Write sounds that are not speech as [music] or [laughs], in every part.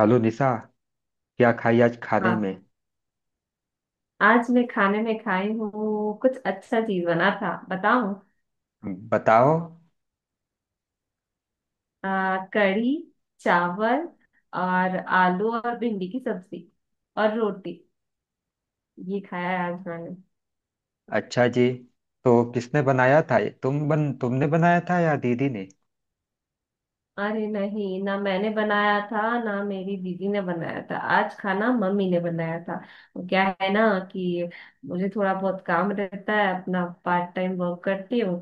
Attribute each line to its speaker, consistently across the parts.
Speaker 1: Hello Nisha. क्या खाई आज खाने
Speaker 2: हाँ,
Speaker 1: में?
Speaker 2: आज मैं खाने में खाई हूँ। कुछ अच्छा चीज बना था, बताऊँ?
Speaker 1: बताओ।
Speaker 2: कढ़ी, चावल, और आलू और भिंडी की सब्जी, और रोटी। ये खाया है आज मैंने।
Speaker 1: अच्छा जी। तो किसने बनाया था? तुमने बनाया था या दीदी ने?
Speaker 2: अरे नहीं ना, मैंने बनाया था ना मेरी दीदी ने बनाया था, आज खाना मम्मी ने बनाया था। वो क्या है ना कि मुझे थोड़ा बहुत काम रहता है, अपना पार्ट टाइम वर्क करती हूँ,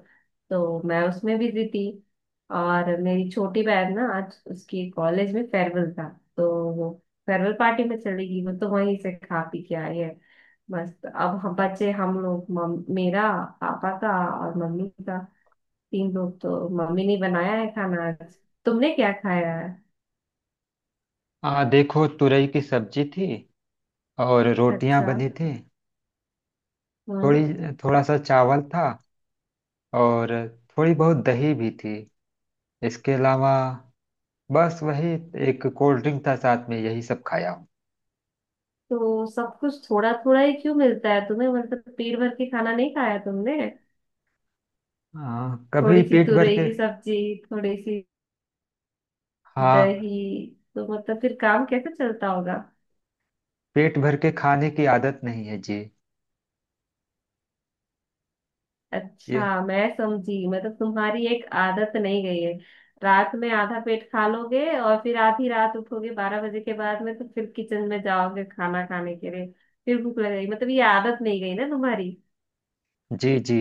Speaker 2: तो मैं उसमें बिजी थी। और मेरी छोटी बहन ना, आज उसकी कॉलेज में फेयरवेल था, तो वो फेयरवेल पार्टी में चली गई। वो तो वहीं से खा पी के आई है, मस्त। अब हम बचे, हम लोग मेरा, पापा का, और मम्मी का, 3 लोग। तो मम्मी ने बनाया है खाना आज। तुमने क्या खाया है?
Speaker 1: आ देखो, तुरई की सब्जी थी और रोटियां
Speaker 2: अच्छा।
Speaker 1: बनी थी।
Speaker 2: हम्म।
Speaker 1: थोड़ी थोड़ा सा चावल था, और थोड़ी बहुत दही भी थी। इसके अलावा बस वही, एक कोल्ड ड्रिंक था साथ में, यही सब खाया हूँ।
Speaker 2: तो सब कुछ थोड़ा थोड़ा ही क्यों मिलता है तुम्हें? मतलब पेट भर के खाना नहीं खाया तुमने?
Speaker 1: हाँ, कभी
Speaker 2: थोड़ी सी
Speaker 1: पेट भर
Speaker 2: तुरई
Speaker 1: के।
Speaker 2: की सब्जी, थोड़ी सी
Speaker 1: हाँ,
Speaker 2: दही, तो मतलब फिर काम कैसे चलता होगा?
Speaker 1: पेट भर के खाने की आदत नहीं है जी। ये
Speaker 2: अच्छा, मैं समझी, मतलब तुम्हारी एक आदत नहीं गई है। रात में आधा पेट खा लोगे और फिर आधी रात उठोगे 12 बजे के बाद में, तो फिर किचन में जाओगे खाना खाने के लिए। फिर भूख लग गई, मतलब ये आदत नहीं गई ना तुम्हारी।
Speaker 1: जी जी,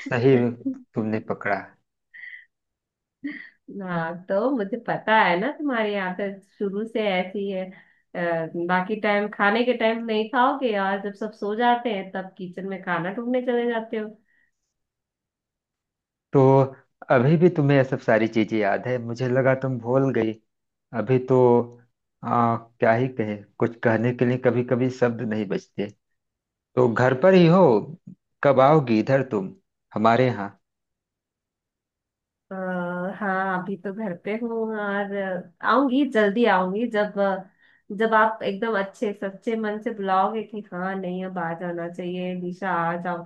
Speaker 1: सही में, तुमने पकड़ा।
Speaker 2: हाँ तो मुझे पता है ना, तुम्हारी आदत शुरू से ऐसी है। अ, बाकी टाइम, खाने के टाइम नहीं खाओगे, और जब सब सो जाते हैं तब किचन में खाना ढूंढने चले जाते हो।
Speaker 1: तो अभी भी तुम्हें ये सब सारी चीजें याद है? मुझे लगा तुम भूल गई। अभी तो क्या ही कहे, कुछ कहने के लिए कभी कभी शब्द नहीं बचते। तो घर पर ही हो? कब आओगी इधर तुम, हमारे यहाँ?
Speaker 2: अ, हाँ, अभी तो घर पे हूँ। और आऊंगी, जल्दी आऊंगी, जब आप एकदम अच्छे सच्चे मन से बुलाओगे कि हाँ नहीं अब आ जाना चाहिए निशा, आ जाओ,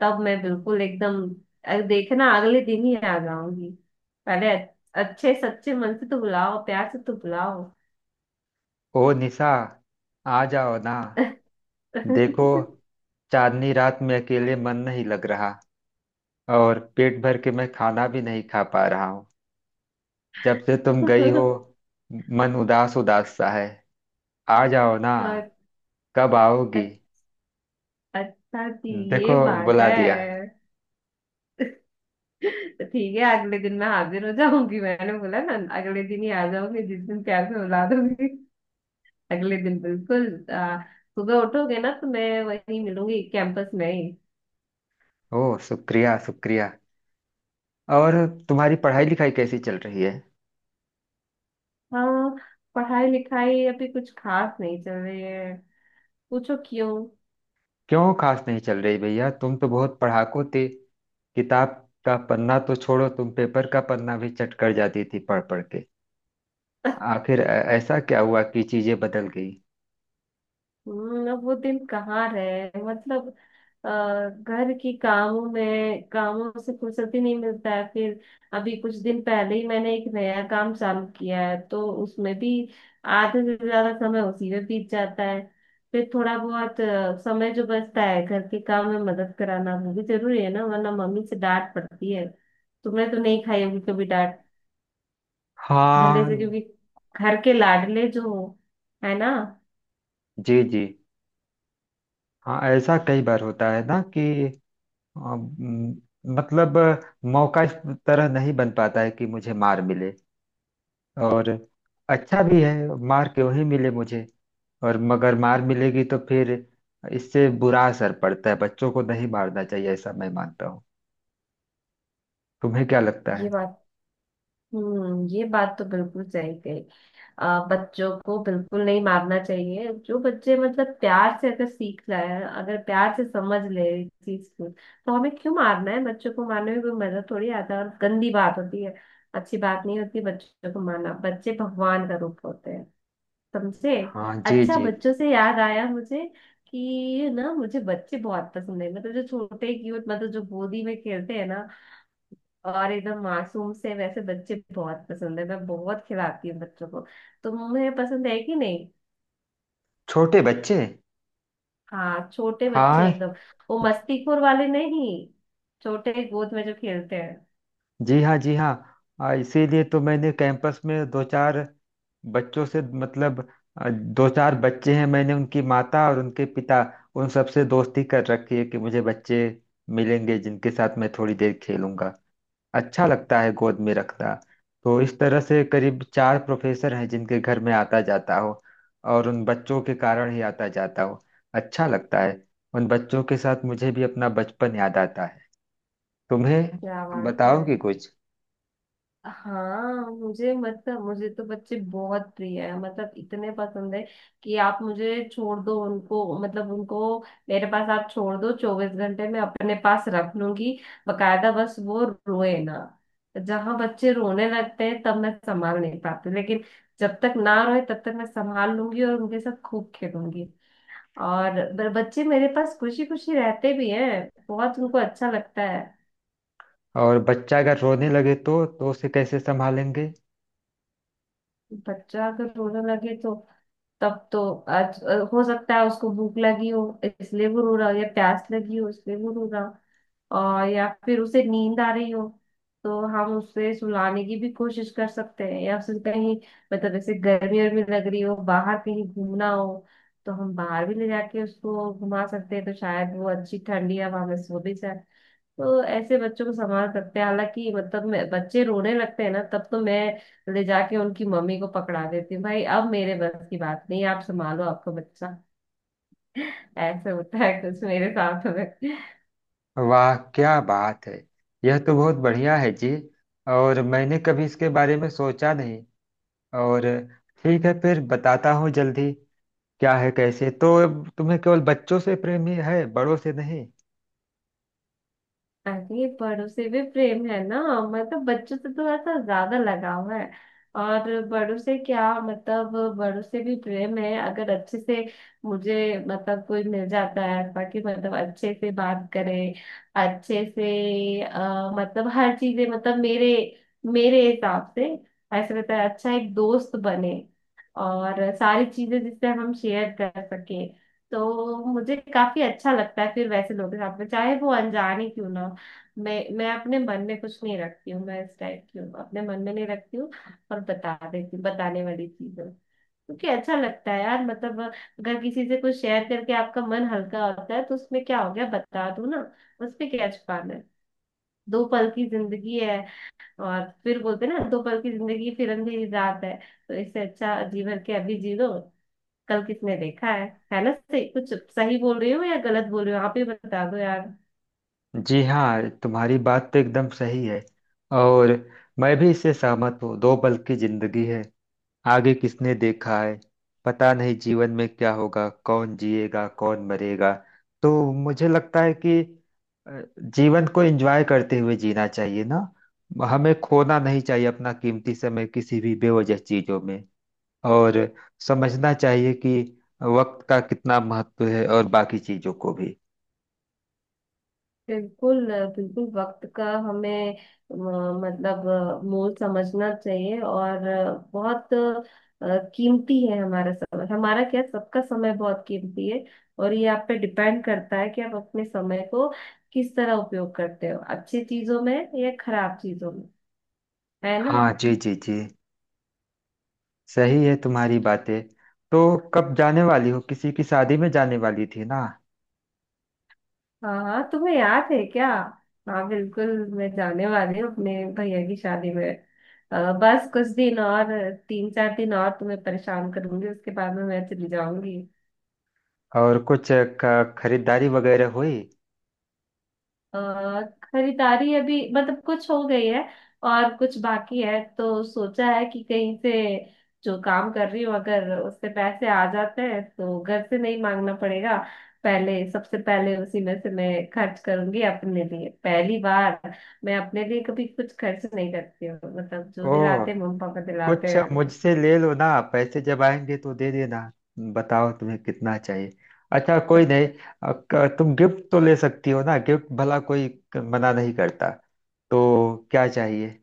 Speaker 2: तब मैं बिल्कुल एकदम देखना, अगले दिन ही आ जाऊंगी। पहले अच्छे सच्चे मन से तो बुलाओ, प्यार से तो बुलाओ।
Speaker 1: ओ निशा, आ जाओ ना। देखो,
Speaker 2: [laughs]
Speaker 1: चांदनी रात में अकेले मन नहीं लग रहा, और पेट भर के मैं खाना भी नहीं खा पा रहा हूँ। जब से तुम गई हो, मन उदास उदास सा है। आ जाओ ना।
Speaker 2: और
Speaker 1: कब आओगी?
Speaker 2: अ- अच्छा जी,
Speaker 1: देखो,
Speaker 2: ये बात
Speaker 1: बुला दिया।
Speaker 2: है। तो ठीक है, अगले दिन मैं हाजिर हो जाऊंगी, मैंने बोला ना, अगले दिन ही आ जाऊंगी जिस दिन प्यार से बुला दूंगी। अगले दिन बिल्कुल सुबह उठोगे ना, तो मैं वहीं मिलूंगी कैंपस में ही।
Speaker 1: ओह, शुक्रिया शुक्रिया। और तुम्हारी पढ़ाई लिखाई कैसी चल रही है?
Speaker 2: हाँ, पढ़ाई लिखाई अभी कुछ खास नहीं चल रही है, पूछो क्यों।
Speaker 1: क्यों खास नहीं चल रही, भैया तुम तो बहुत पढ़ाकू थे। किताब का पन्ना तो छोड़ो, तुम पेपर का पन्ना भी चट कर जाती थी पढ़ पढ़ के। आखिर ऐसा क्या हुआ कि चीजें बदल गई?
Speaker 2: अब वो दिन कहाँ रहे, मतलब अ, घर की कामों में, कामों से फुर्सत ही नहीं मिलता है। फिर अभी कुछ दिन पहले ही मैंने एक नया काम चालू किया है, तो उसमें भी आधे से ज्यादा समय उसी में बीत जाता है। फिर थोड़ा बहुत समय जो बचता है, घर के काम में मदद कराना वो भी जरूरी है ना, वरना मम्मी से डांट पड़ती है। तुमने तो नहीं खाई होगी कभी डांट, भले
Speaker 1: हाँ
Speaker 2: से, क्योंकि घर के लाडले जो हो, है ना।
Speaker 1: जी जी। हाँ, ऐसा कई बार होता है ना कि अम, मतलब मौका इस तरह नहीं बन पाता है कि मुझे मार मिले। और अच्छा भी है, मार क्यों ही मिले मुझे। और मगर मार मिलेगी तो फिर इससे बुरा असर पड़ता है। बच्चों को नहीं मारना चाहिए, ऐसा मैं मानता हूँ। तुम्हें क्या लगता है?
Speaker 2: ये बात। ये बात तो बिल्कुल सही कही। बच्चों को बिल्कुल नहीं मारना चाहिए। जो बच्चे मतलब प्यार से अगर सीख जाए, अगर प्यार से समझ ले इस चीज को, तो हमें क्यों मारना है? बच्चों को मारने में कोई मजा थोड़ी आता है, और गंदी बात होती है। अच्छी बात नहीं होती बच्चों को मारना, बच्चे भगवान का रूप होते हैं, समझे।
Speaker 1: हाँ जी
Speaker 2: अच्छा,
Speaker 1: जी।
Speaker 2: बच्चों से याद आया मुझे कि ना, मुझे बच्चे बहुत पसंद है, मतलब जो छोटे क्यूट, मतलब जो गोदी में खेलते हैं ना, और एकदम मासूम से, वैसे बच्चे बहुत पसंद है, मैं बहुत खिलाती हूँ बच्चों को। तुम्हें पसंद है कि नहीं?
Speaker 1: छोटे बच्चे?
Speaker 2: हाँ, छोटे बच्चे
Speaker 1: हाँ।
Speaker 2: एकदम, वो मस्तीखोर वाले नहीं, छोटे गोद में जो खेलते हैं।
Speaker 1: जी हाँ जी हाँ। इसीलिए तो मैंने कैंपस में दो चार बच्चों से, मतलब दो चार बच्चे हैं, मैंने उनकी माता और उनके पिता, उन सबसे दोस्ती कर रखी है कि मुझे बच्चे मिलेंगे जिनके साथ मैं थोड़ी देर खेलूंगा। अच्छा लगता है गोद में रखना। तो इस तरह से करीब चार प्रोफेसर हैं जिनके घर में आता जाता हो, और उन बच्चों के कारण ही आता जाता हो। अच्छा लगता है। उन बच्चों के साथ मुझे भी अपना बचपन याद आता है। तुम्हें,
Speaker 2: क्या
Speaker 1: तुम
Speaker 2: बात है।
Speaker 1: बताओगे कुछ?
Speaker 2: हाँ, मुझे, मतलब मुझे तो बच्चे बहुत प्रिय है, मतलब इतने पसंद है कि आप मुझे छोड़ दो उनको, मतलब उनको मेरे पास आप छोड़ दो, 24 घंटे में अपने पास रख लूंगी। बकायदा, बस वो रोए ना, जहां बच्चे रोने लगते हैं तब मैं संभाल नहीं पाती, लेकिन जब तक ना रोए तब तक मैं संभाल लूंगी और उनके साथ खूब खेलूंगी। और बच्चे मेरे पास खुशी खुशी रहते भी हैं, बहुत उनको अच्छा लगता है।
Speaker 1: और बच्चा अगर रोने लगे तो उसे कैसे संभालेंगे?
Speaker 2: बच्चा अगर रोने लगे तो, तब तो आज हो सकता है उसको भूख लगी हो, इसलिए वो रो रहा हो, या प्यास लगी हो, इसलिए वो रो रहा हो, और या फिर उसे नींद आ रही हो। तो हम उसे सुलाने की भी कोशिश कर सकते हैं, या फिर कहीं, मतलब ऐसे गर्मी वर्मी लग रही हो, बाहर कहीं घूमना हो, तो हम बाहर भी ले जाके उसको घुमा सकते हैं, तो शायद वो अच्छी ठंडी हवा में सो भी जाए। तो ऐसे बच्चों को संभाल सकते हैं। हालांकि मतलब, बच्चे रोने लगते हैं ना तब तो मैं ले जाके उनकी मम्मी को पकड़ा देती हूँ, भाई अब मेरे बस की बात नहीं, आप संभालो आपका बच्चा। [laughs] ऐसे होता है कुछ मेरे साथ में।
Speaker 1: वाह, क्या बात है! यह तो बहुत बढ़िया है जी। और मैंने कभी इसके बारे में सोचा नहीं। और ठीक है, फिर बताता हूँ जल्दी। क्या है, कैसे तो तुम्हें केवल बच्चों से प्रेम ही है, बड़ों से नहीं?
Speaker 2: अरे बड़ों से भी प्रेम है ना, मतलब बच्चों से थोड़ा सा ज्यादा लगाव है, और बड़ों से क्या मतलब, बड़ों से भी प्रेम है, अगर अच्छे से मुझे मतलब कोई मिल जाता है, बाकी मतलब अच्छे से बात करे, अच्छे से मतलब हर चीजें, मतलब मेरे मेरे हिसाब से ऐसा रहता है, अच्छा एक दोस्त बने और सारी चीजें जिससे हम शेयर कर सके, तो मुझे काफी अच्छा लगता है फिर वैसे लोगों के साथ में, चाहे वो अनजाने क्यों ना हो। मैं अपने मन में कुछ नहीं रखती हूँ, मैं इस टाइप की हूँ, अपने मन में नहीं रखती हूँ और बता देती हूँ, बताने वाली चीज हूँ, क्योंकि अच्छा लगता है यार, मतलब अगर किसी से कुछ शेयर करके आपका मन हल्का होता है तो उसमें क्या हो गया, बता दो ना, उसमें क्या छुपाना है। दो पल की जिंदगी है, और फिर बोलते हैं ना, दो पल की जिंदगी फिर अंधेरी रात है, तो इससे अच्छा जी भर के अभी जी लो, कल किसने देखा है ना। सही कुछ सही बोल रही हो या गलत बोल रही हो, आप ही बता दो यार।
Speaker 1: जी हाँ, तुम्हारी बात तो एकदम सही है। और मैं भी इससे सहमत हूँ। दो पल की जिंदगी है, आगे किसने देखा है। पता नहीं जीवन में क्या होगा, कौन जिएगा कौन मरेगा। तो मुझे लगता है कि जीवन को एंजॉय करते हुए जीना चाहिए ना। हमें खोना नहीं चाहिए अपना कीमती समय किसी भी बेवजह चीजों में। और समझना चाहिए कि वक्त का कितना महत्व है, और बाकी चीजों को भी।
Speaker 2: बिल्कुल, बिल्कुल वक्त का हमें मतलब मोल समझना चाहिए, और बहुत कीमती है हमारा समय, हमारा क्या सबका समय बहुत कीमती है। और ये आप पे डिपेंड करता है कि आप अपने समय को किस तरह उपयोग करते हो, अच्छी चीजों में या खराब चीजों में, है ना।
Speaker 1: हाँ जी जी जी। सही है तुम्हारी बातें। तो कब जाने वाली हो, किसी की शादी में जाने वाली थी ना?
Speaker 2: हाँ हाँ, तुम्हें याद है क्या? हाँ बिल्कुल, मैं जाने वाली हूँ अपने भैया की शादी में। बस कुछ दिन और, 3 4 दिन और तुम्हें परेशान करूंगी, उसके बाद में मैं चली जाऊंगी।
Speaker 1: और कुछ खरीदारी वगैरह हुई?
Speaker 2: अ, खरीदारी अभी मतलब कुछ हो गई है, और कुछ बाकी है, तो सोचा है कि कहीं से जो काम कर रही हूँ अगर उससे पैसे आ जाते हैं तो घर से नहीं मांगना पड़ेगा। पहले, सबसे पहले उसी में से मैं खर्च करूंगी अपने लिए, पहली बार मैं अपने लिए कभी कुछ खर्च नहीं करती हूँ, मतलब जो
Speaker 1: ओह,
Speaker 2: दिलाते हैं मम्मी पापा दिलाते
Speaker 1: कुछ
Speaker 2: हैं।
Speaker 1: मुझसे ले लो ना, पैसे जब आएंगे तो दे देना। बताओ तुम्हें कितना चाहिए। अच्छा कोई नहीं, तुम गिफ्ट तो ले सकती हो ना, गिफ्ट भला कोई मना नहीं करता। तो क्या चाहिए?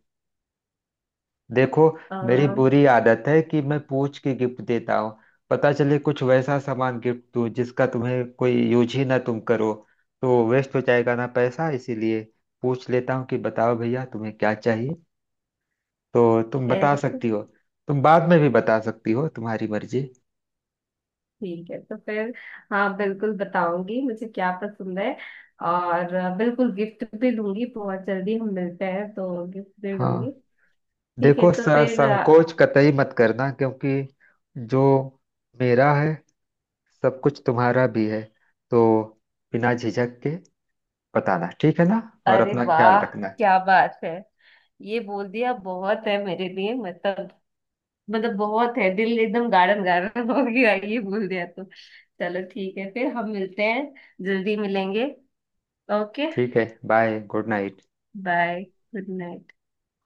Speaker 1: देखो,
Speaker 2: अ,
Speaker 1: मेरी बुरी आदत है कि मैं पूछ के गिफ्ट देता हूँ। पता चले कुछ वैसा सामान गिफ्ट दूँ जिसका तुम्हें कोई यूज ही ना तुम करो, तो वेस्ट हो जाएगा ना पैसा, इसीलिए पूछ लेता हूँ कि बताओ भैया तुम्हें क्या चाहिए। तो तुम बता
Speaker 2: ऐसे
Speaker 1: सकती हो। तुम बाद में भी बता सकती हो, तुम्हारी मर्जी।
Speaker 2: ठीक है, तो फिर हाँ बिल्कुल बताऊंगी मुझे क्या पसंद है, और बिल्कुल गिफ्ट भी दूंगी, बहुत जल्दी हम मिलते हैं तो गिफ्ट भी दूंगी।
Speaker 1: हाँ
Speaker 2: ठीक है,
Speaker 1: देखो,
Speaker 2: तो फिर
Speaker 1: संकोच कतई मत करना, क्योंकि जो मेरा है सब कुछ तुम्हारा भी है, तो बिना झिझक के बताना, ठीक है ना। और
Speaker 2: अरे
Speaker 1: अपना ख्याल
Speaker 2: वाह,
Speaker 1: रखना।
Speaker 2: क्या बात है, ये बोल दिया बहुत है मेरे लिए, मतलब, बहुत है, दिल एकदम गार्डन गार्डन हो गया ये बोल दिया तो। चलो ठीक है, फिर हम मिलते हैं, जल्दी मिलेंगे, ओके।
Speaker 1: ठीक है। Bye, good night.
Speaker 2: Bye, good night.